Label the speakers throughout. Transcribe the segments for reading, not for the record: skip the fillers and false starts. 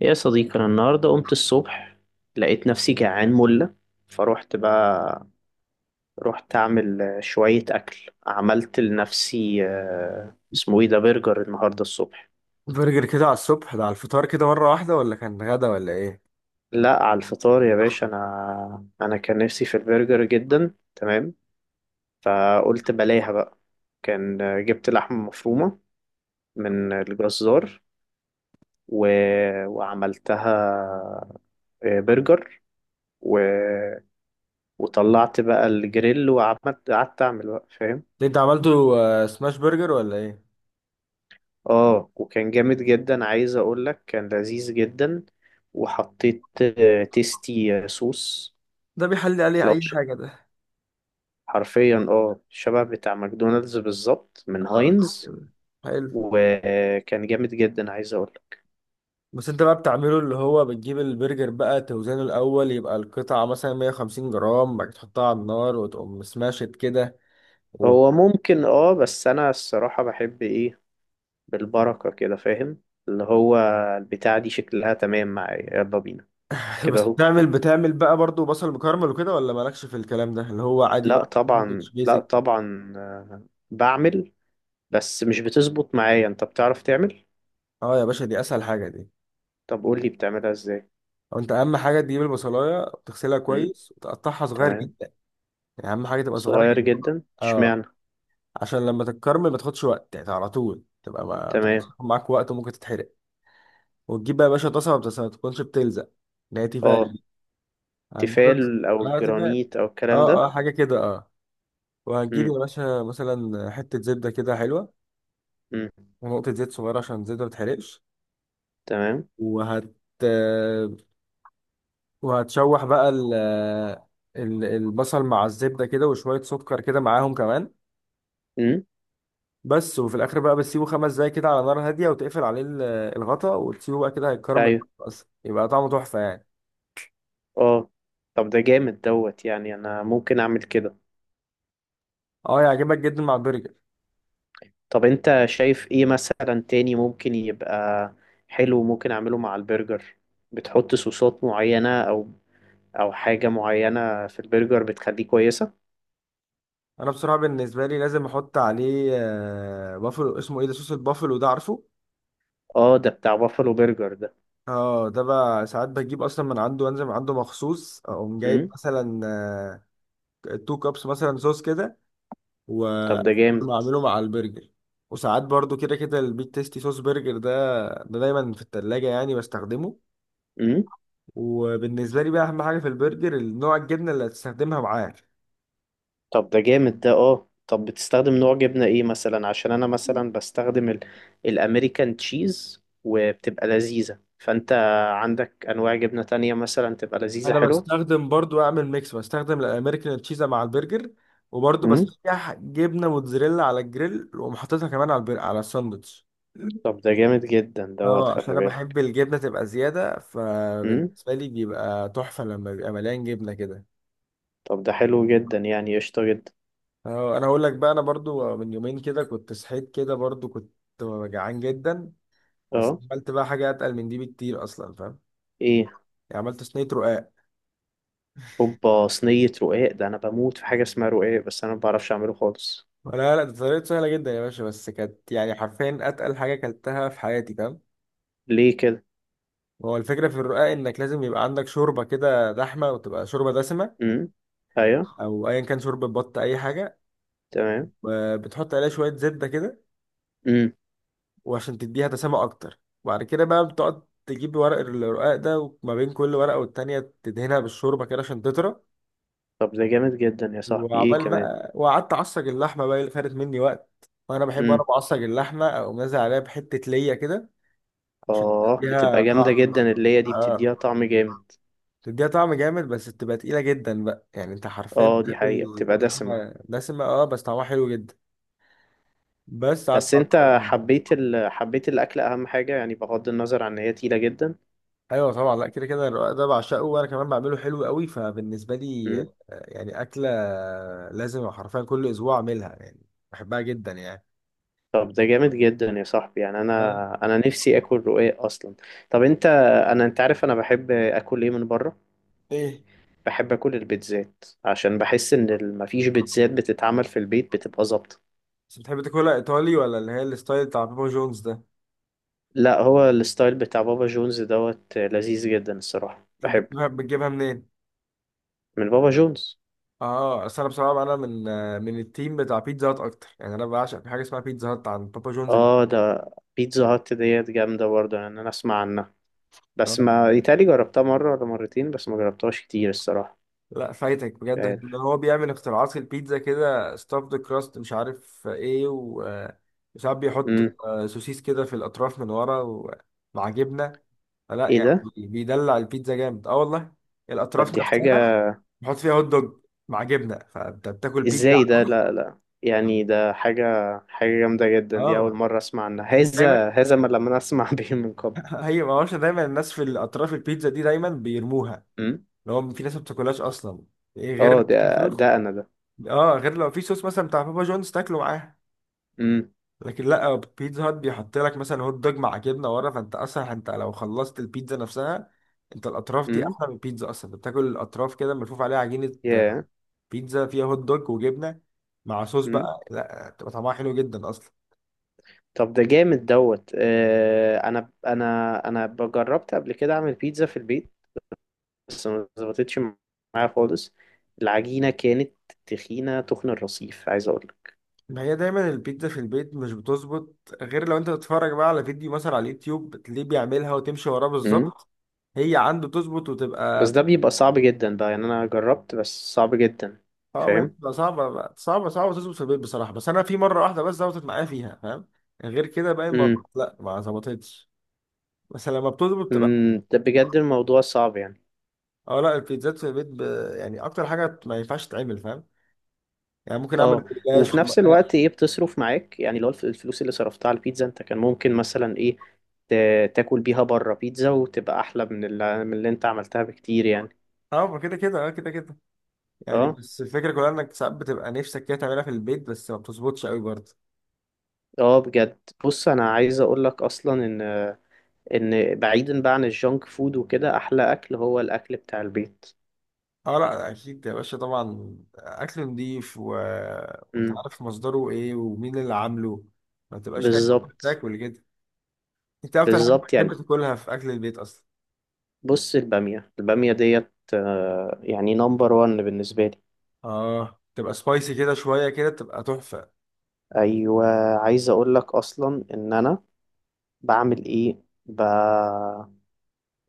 Speaker 1: يا صديقي، أنا النهاردة قمت الصبح، لقيت نفسي جعان ملة. فروحت بقى، رحت أعمل شوية أكل. عملت لنفسي اسمه إيه ده، برجر النهاردة الصبح.
Speaker 2: برجر كده على الصبح ده على الفطار كده مرة واحدة ولا كان غدا ولا ايه؟
Speaker 1: لا، على الفطار يا باشا. أنا كان نفسي في البرجر جدا، تمام. فقلت بلاها بقى. كان جبت لحمة مفرومة من الجزار و... وعملتها برجر. و... وطلعت بقى الجريل، وعملت قعدت اعمل بقى، فاهم.
Speaker 2: ده انت عملته سماش برجر ولا ايه؟
Speaker 1: اه، وكان جامد جدا، عايز اقول لك كان لذيذ جدا. وحطيت تيستي صوص.
Speaker 2: ده بيحلي عليه
Speaker 1: لو
Speaker 2: اي
Speaker 1: ش-
Speaker 2: حاجه ده.
Speaker 1: حرفيا شبه بتاع ماكدونالدز بالظبط، من
Speaker 2: آه،
Speaker 1: هاينز.
Speaker 2: كده. حلو.
Speaker 1: وكان جامد جدا عايز اقول لك.
Speaker 2: بس انت بقى بتعمله اللي هو بتجيب البرجر بقى توزنه الأول يبقى القطعة مثلا 150 جرام بعد كده تحطها على النار وتقوم سماشت كده و...
Speaker 1: هو ممكن بس انا الصراحة بحب ايه، بالبركة كده، فاهم. اللي هو البتاع دي شكلها تمام معايا، يلا بينا. كده
Speaker 2: بس
Speaker 1: اهو.
Speaker 2: بتعمل بقى برضو بصل مكرمل وكده ولا مالكش في الكلام ده اللي هو عادي
Speaker 1: لا
Speaker 2: بقى ساندوتش
Speaker 1: طبعا، لا
Speaker 2: بيزك.
Speaker 1: طبعا، بعمل. بس مش بتظبط معايا، انت بتعرف تعمل؟
Speaker 2: اه يا باشا، دي أسهل حاجة دي.
Speaker 1: طب قول لي بتعملها ازاي.
Speaker 2: أو انت أهم حاجة تجيب البصلاية تغسلها
Speaker 1: امم
Speaker 2: كويس وتقطعها صغير،
Speaker 1: تمام.
Speaker 2: يعني اهم حاجه تبقى صغيره
Speaker 1: صغير
Speaker 2: جدا.
Speaker 1: جدا
Speaker 2: اه
Speaker 1: اشمعنى.
Speaker 2: عشان لما تتكرمل ما تاخدش وقت، يعني على طول تبقى ما
Speaker 1: تمام.
Speaker 2: تاخد معاك وقت وممكن تتحرق. وتجيب بقى يا باشا طاسه ما تكونش بتلزق، اللي هي
Speaker 1: اه،
Speaker 2: تيفال. هتجيب.
Speaker 1: تيفال او
Speaker 2: اه تيفال.
Speaker 1: جرانيت او الكلام
Speaker 2: اه
Speaker 1: ده.
Speaker 2: اه حاجه كده اه. وهتجيب يا
Speaker 1: امم
Speaker 2: باشا مثلا حته زبده كده حلوه،
Speaker 1: امم
Speaker 2: ونقطه زيت صغيره عشان الزيت ما تتحرقش.
Speaker 1: تمام.
Speaker 2: وهت وهتشوح بقى البصل مع الزبده كده وشويه سكر كده معاهم كمان.
Speaker 1: امم
Speaker 2: بس وفي الاخر بقى بتسيبه 5 دقايق كده على نار هاديه وتقفل عليه الغطا وتسيبه بقى كده هيتكرمل
Speaker 1: ايوه،
Speaker 2: اصلا يبقى طعمه تحفه يعني.
Speaker 1: اه. طب ده جامد دوت، يعني انا ممكن اعمل كده.
Speaker 2: اه يعجبك جدا مع البرجر.
Speaker 1: طب انت شايف ايه مثلا تاني ممكن يبقى حلو، ممكن اعمله مع البرجر؟ بتحط صوصات معينة، او او حاجة معينة في البرجر بتخليه كويسة؟
Speaker 2: انا بصراحه بالنسبه لي لازم احط عليه بافلو، اسمه ايه ده، صوص البافلو ده، عارفه.
Speaker 1: اه، ده بتاع بافلو برجر ده.
Speaker 2: اه ده بقى ساعات بجيب اصلا من عنده، وانزل من عنده مخصوص اقوم جايب
Speaker 1: امم
Speaker 2: مثلا 2 كابس مثلا صوص كده،
Speaker 1: طب ده جامد.
Speaker 2: واعمله مع البرجر. وساعات برضو كده كده البيت تيستي صوص برجر ده، ده دايما في التلاجة يعني بستخدمه.
Speaker 1: امم
Speaker 2: وبالنسبة لي بقى أهم حاجة في البرجر النوع الجبنة اللي هتستخدمها معاه.
Speaker 1: طب ده جامد ده. اه، طب بتستخدم نوع جبنة ايه مثلا؟ عشان انا مثلا بستخدم الامريكان تشيز وبتبقى لذيذة. فانت عندك انواع جبنة تانية مثلا تبقى لذيذة
Speaker 2: أنا
Speaker 1: حلوة؟
Speaker 2: بستخدم برضو، أعمل ميكس، بستخدم الأمريكان تشيزا مع البرجر وبرضو
Speaker 1: امم
Speaker 2: بسيح جبنة موتزاريلا على الجريل وأقوم حاططها كمان على على الساندوتش.
Speaker 1: طب ده جامد جدا دوت،
Speaker 2: اه عشان
Speaker 1: خلي
Speaker 2: انا
Speaker 1: بالك.
Speaker 2: بحب الجبنه تبقى زياده،
Speaker 1: امم
Speaker 2: فبالنسبه لي بيبقى تحفه لما بيبقى مليان جبنه كده.
Speaker 1: طب ده حلو جدا يعني، قشطة جدا.
Speaker 2: اه انا هقول لك بقى، انا برضو من يومين كده كنت صحيت كده برضو كنت جعان جدا. بس
Speaker 1: اه،
Speaker 2: عملت بقى حاجه اتقل من دي بكتير اصلا، فاهم،
Speaker 1: ايه؟
Speaker 2: يعني عملت صينيه رقاق.
Speaker 1: هوبا، صينية رقاق! ده انا بموت في حاجة اسمها رقاق، بس انا ما بعرفش اعمله خالص.
Speaker 2: لا لا ده طريقته سهلة جدا يا باشا، بس كانت يعني حرفيا أتقل حاجة أكلتها في حياتي فاهم.
Speaker 1: ليه كده؟
Speaker 2: هو الفكرة في الرقاق إنك لازم يبقى عندك شوربة كده دحمة، وتبقى شوربة دسمة،
Speaker 1: امم ايوه،
Speaker 2: أو أيا كان شوربة بط أي حاجة.
Speaker 1: تمام.
Speaker 2: بتحط عليها شوية زبدة كده
Speaker 1: مم.
Speaker 2: وعشان تديها دسامة أكتر. وبعد كده بقى بتقعد تجيب ورق الرقاق ده، وما بين كل ورقة والتانية تدهنها بالشوربة كده عشان تطرى.
Speaker 1: طب ده جامد جدا يا صاحبي، ايه
Speaker 2: وعبال
Speaker 1: كمان؟
Speaker 2: بقى وقعدت أعصج اللحمة بقى اللي خدت مني وقت، وأنا بحب وأنا
Speaker 1: امم
Speaker 2: بعصج اللحمة أقوم نازل عليها بحتة ليا كده عشان
Speaker 1: اه،
Speaker 2: تديها
Speaker 1: بتبقى جامدة
Speaker 2: طعم.
Speaker 1: جدا، اللي هي دي
Speaker 2: اه
Speaker 1: بتديها طعم جامد.
Speaker 2: تديها طعم جامد، بس بتبقى تقيلة جدا بقى، يعني انت حرفيا
Speaker 1: اه، دي
Speaker 2: بتاكل
Speaker 1: حقيقة بتبقى دسمة.
Speaker 2: لحمة دسمة. اه بس طعمها حلو جدا. بس قعدت
Speaker 1: بس انت
Speaker 2: اقارنهم بقى.
Speaker 1: حبيت حبيت الاكل اهم حاجة، يعني بغض النظر عن ان هي تقيلة جدا.
Speaker 2: ايوه طبعا، لا كده كده الرقاق ده بعشقه، وانا كمان بعمله حلو قوي، فبالنسبة لي
Speaker 1: امم
Speaker 2: يعني أكلة لازم حرفيا كل اسبوع اعملها يعني، بحبها جدا يعني.
Speaker 1: طب ده جامد جدا يا صاحبي، يعني
Speaker 2: آه.
Speaker 1: انا نفسي اكل رقاق اصلا. طب انت، انا انت عارف انا بحب اكل ايه من بره؟
Speaker 2: ايه.
Speaker 1: بحب اكل البيتزات، عشان بحس ان مفيش بيتزات بتتعمل في البيت بتبقى ظابطة.
Speaker 2: بس بتحب تاكلها ايطالي ولا اللي هي الستايل بتاع بابا جونز ده؟
Speaker 1: لا، هو الستايل بتاع بابا جونز دوت لذيذ جدا الصراحة،
Speaker 2: طب
Speaker 1: بحبه.
Speaker 2: بتجيبها بتجيبها منين؟
Speaker 1: من بابا جونز.
Speaker 2: اه اصل انا بصراحه انا من من التيم بتاع بيتزا هات اكتر، يعني انا بعشق في حاجه اسمها بيتزا هات عند بابا جونز.
Speaker 1: اه، ده بيتزا هات ديت جامدة برضه، يعني انا اسمع عنها بس
Speaker 2: لا
Speaker 1: ما يتهيألي جربتها مرة ولا مرتين، بس ما جربتهاش كتير الصراحة.
Speaker 2: لا، فايتك
Speaker 1: مش
Speaker 2: بجد اللي
Speaker 1: عارف.
Speaker 2: هو بيعمل اختراعات في البيتزا كده، ستافد كراست مش عارف ايه وساعات بيحط
Speaker 1: امم
Speaker 2: سوسيس كده في الاطراف من ورا ومع جبنه. لا
Speaker 1: ايه
Speaker 2: يعني
Speaker 1: ده؟
Speaker 2: بيدلع البيتزا جامد اه والله.
Speaker 1: طب
Speaker 2: الاطراف
Speaker 1: دي حاجة.
Speaker 2: نفسها بيحط فيها هوت دوج مع جبنه، فانت بتاكل بيتزا.
Speaker 1: ازاي ده؟ لا لا، يعني ده حاجة، حاجة جامدة جدا، دي أول
Speaker 2: اه
Speaker 1: مرة أسمع عنها.
Speaker 2: يعني دايما
Speaker 1: هذا ما لم أسمع به من قبل.
Speaker 2: هي ما هوش دايما الناس في الاطراف البيتزا دي دايما بيرموها،
Speaker 1: امم
Speaker 2: اللي هو في ناس ما بتاكلهاش اصلا، إيه غير
Speaker 1: اه،
Speaker 2: لو في
Speaker 1: ده
Speaker 2: صوص.
Speaker 1: ده أنا ده.
Speaker 2: اه غير لو في صوص مثلا بتاع بابا جونز تاكله معاها.
Speaker 1: امم
Speaker 2: لكن لا، بيتزا هات بيحط لك مثلا هوت دوج مع جبنه ورا، فانت اصلا انت لو خلصت البيتزا نفسها، انت الاطراف دي
Speaker 1: امم
Speaker 2: احلى من البيتزا اصلا، بتاكل الاطراف كده ملفوف عليها عجينه
Speaker 1: ياه.
Speaker 2: بيتزا فيها هوت دوج وجبنه مع صوص
Speaker 1: امم
Speaker 2: بقى، لا بتبقى طعمها حلو جدا اصلا.
Speaker 1: طب ده جامد دوت. أنا جربت قبل كده أعمل بيتزا في البيت، بس ما ظبطتش معايا خالص، العجينة كانت تخينة تخن الرصيف، عايز اقول.
Speaker 2: ما هي دايما البيتزا في البيت مش بتظبط، غير لو انت بتتفرج بقى على فيديو مثلا على اليوتيوب بتلاقيه بيعملها وتمشي وراه
Speaker 1: امم
Speaker 2: بالظبط، هي عنده تظبط
Speaker 1: بس
Speaker 2: وتبقى.
Speaker 1: ده بيبقى صعب جدا بقى، يعني انا جربت بس صعب جدا.
Speaker 2: اه ما هي
Speaker 1: فاهم.
Speaker 2: بتبقى صعبة صعبة صعبة تظبط في البيت بصراحة، بس أنا في مرة واحدة بس ظبطت معايا فيها فاهم. غير كده باقي المرات
Speaker 1: امم
Speaker 2: لا ما ظبطتش. بس لما بتظبط بتبقى.
Speaker 1: ده بجد الموضوع صعب يعني.
Speaker 2: اه لا البيتزات في البيت يعني أكتر حاجة ما ينفعش تتعمل فاهم، يعني ممكن أعمل
Speaker 1: اه،
Speaker 2: جلاش.
Speaker 1: وفي نفس الوقت
Speaker 2: اه
Speaker 1: ايه، بتصرف معاك يعني، لو الفلوس اللي صرفتها على البيتزا انت كان ممكن مثلا ايه، تاكل بيها بره بيتزا وتبقى احلى من اللي، من اللي انت عملتها بكتير يعني.
Speaker 2: ما كده كده اه كده كده، يعني
Speaker 1: اه،
Speaker 2: بس الفكرة كلها إنك ساعات بتبقى نفسك كده تعملها في البيت بس ما بتظبطش قوي برضه.
Speaker 1: اه، بجد. بص انا عايز اقول لك اصلا ان، ان بعيدا بقى عن الجونك فود وكده، احلى اكل هو الاكل بتاع البيت.
Speaker 2: اه لا أكيد يا باشا، طبعا أكل نضيف وأنت
Speaker 1: امم
Speaker 2: عارف مصدره إيه ومين اللي عامله، ما تبقاش خايف
Speaker 1: بالظبط.
Speaker 2: تاكل كده. انت ايه اكتر حاجه
Speaker 1: بالظبط
Speaker 2: بتحب
Speaker 1: يعني.
Speaker 2: تاكلها في اكل البيت اصلا؟
Speaker 1: بص، الباميه، الباميه ديت يعني نمبر وان بالنسبه لي.
Speaker 2: اه تبقى سبايسي كده شويه كده تبقى تحفه.
Speaker 1: ايوه، عايز اقول لك اصلا ان انا بعمل ايه،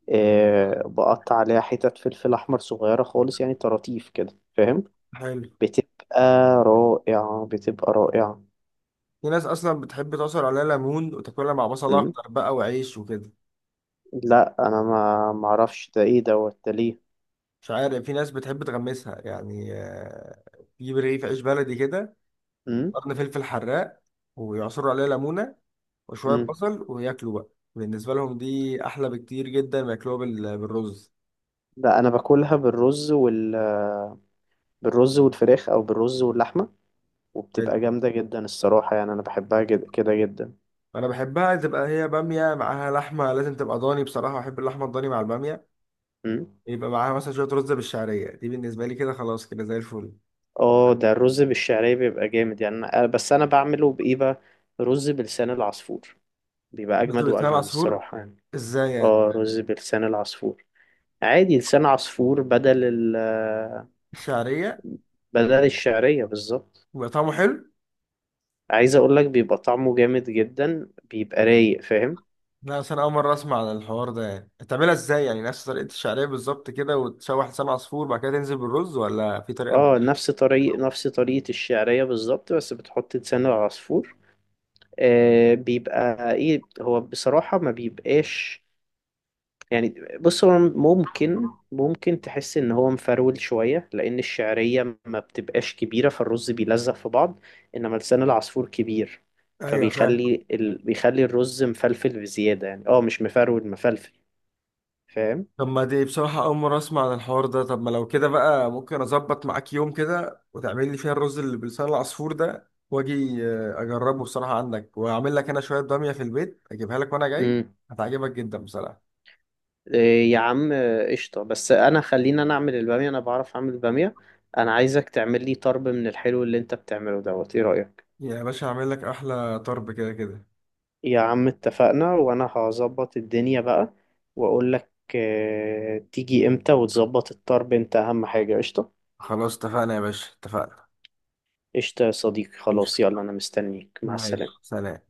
Speaker 1: بقطع عليها حتت فلفل احمر صغيره خالص، يعني طراطيف كده، فاهم.
Speaker 2: حلو.
Speaker 1: بتبقى رائعه، بتبقى رائعه.
Speaker 2: في ناس اصلا بتحب تعصر عليها ليمون وتاكلها مع بصل
Speaker 1: امم
Speaker 2: اخضر بقى وعيش وكده.
Speaker 1: لا انا ما اعرفش ده ايه دوت، ده ليه.
Speaker 2: مش عارف، في ناس بتحب تغمسها يعني، تجيب رغيف عيش بلدي كده،
Speaker 1: امم
Speaker 2: قرن فلفل حراق، ويعصروا عليها ليمونه وشويه
Speaker 1: امم
Speaker 2: بصل وياكلوا بقى، بالنسبه لهم دي احلى بكتير جدا ما ياكلوها بالرز.
Speaker 1: لا انا باكلها بالرز بالرز والفراخ، او بالرز واللحمه،
Speaker 2: حلو.
Speaker 1: وبتبقى جامده جدا الصراحه، يعني انا بحبها كده جدا.
Speaker 2: انا بحبها تبقى هي باميه معاها لحمه، لازم تبقى ضاني، بصراحه بحب اللحمه الضاني مع الباميه.
Speaker 1: أمم.
Speaker 2: يبقى معاها مثلا شويه رز بالشعريه، دي بالنسبه لي كده خلاص كده زي الفل.
Speaker 1: اه، ده الرز بالشعريه بيبقى جامد يعني بس انا بعمله بايه بقى، رز بلسان العصفور، بيبقى
Speaker 2: رز
Speaker 1: اجمد
Speaker 2: بلسان
Speaker 1: واجمد
Speaker 2: عصفور،
Speaker 1: الصراحه يعني.
Speaker 2: ازاي يعني؟
Speaker 1: اه، رز بلسان العصفور، عادي، لسان عصفور بدل
Speaker 2: الشعريه.
Speaker 1: بدل الشعريه بالظبط.
Speaker 2: يبقى طعمه حلو.
Speaker 1: عايز اقول لك بيبقى طعمه جامد جدا، بيبقى رايق، فاهم.
Speaker 2: لا اصل انا اول مره اسمع عن الحوار ده، يعني تعملها ازاي؟ يعني نفس طريقه الشعريه بالظبط كده، وتشوح لسان عصفور بعد كده تنزل بالرز، ولا في طريقه
Speaker 1: اه،
Speaker 2: مختلفه؟
Speaker 1: نفس طريقة الشعرية بالظبط، بس بتحط لسان العصفور. آه، بيبقى ايه، هو بصراحة ما بيبقاش يعني. بص هو ممكن، ممكن تحس ان هو مفرول شوية، لان الشعرية ما بتبقاش كبيرة فالرز بيلزق في بعض، انما لسان العصفور كبير،
Speaker 2: ايوه، فاهم.
Speaker 1: فبيخلي بيخلي الرز مفلفل بزيادة يعني، اه مش مفرول، مفلفل.
Speaker 2: طب ما دي بصراحه اول مره اسمع عن الحوار ده، طب ما لو كده بقى، ممكن اظبط معاك يوم كده وتعمل لي فيها الرز اللي بلسان العصفور ده، واجي اجربه بصراحه عندك، واعمل لك انا شويه باميه في البيت اجيبها لك وانا جاي.
Speaker 1: فاهم.
Speaker 2: هتعجبك جدا بصراحه.
Speaker 1: إيه يا عم، قشطة. بس أنا، خلينا أنا أعمل البامية، أنا بعرف أعمل البامية. أنا عايزك تعمل لي طرب من الحلو اللي أنت بتعمله دوت، إيه رأيك؟
Speaker 2: يا باشا هعمل لك احلى طرب كده كده.
Speaker 1: يا عم اتفقنا، وأنا هظبط الدنيا بقى وأقول لك تيجي إمتى وتظبط الطرب، أنت أهم حاجة، قشطة؟
Speaker 2: خلاص اتفقنا يا باشا، اتفقنا.
Speaker 1: قشطة يا صديقي، خلاص،
Speaker 2: قشطة.
Speaker 1: يلا أنا مستنيك، مع
Speaker 2: ماشي،
Speaker 1: السلامة.
Speaker 2: سلام.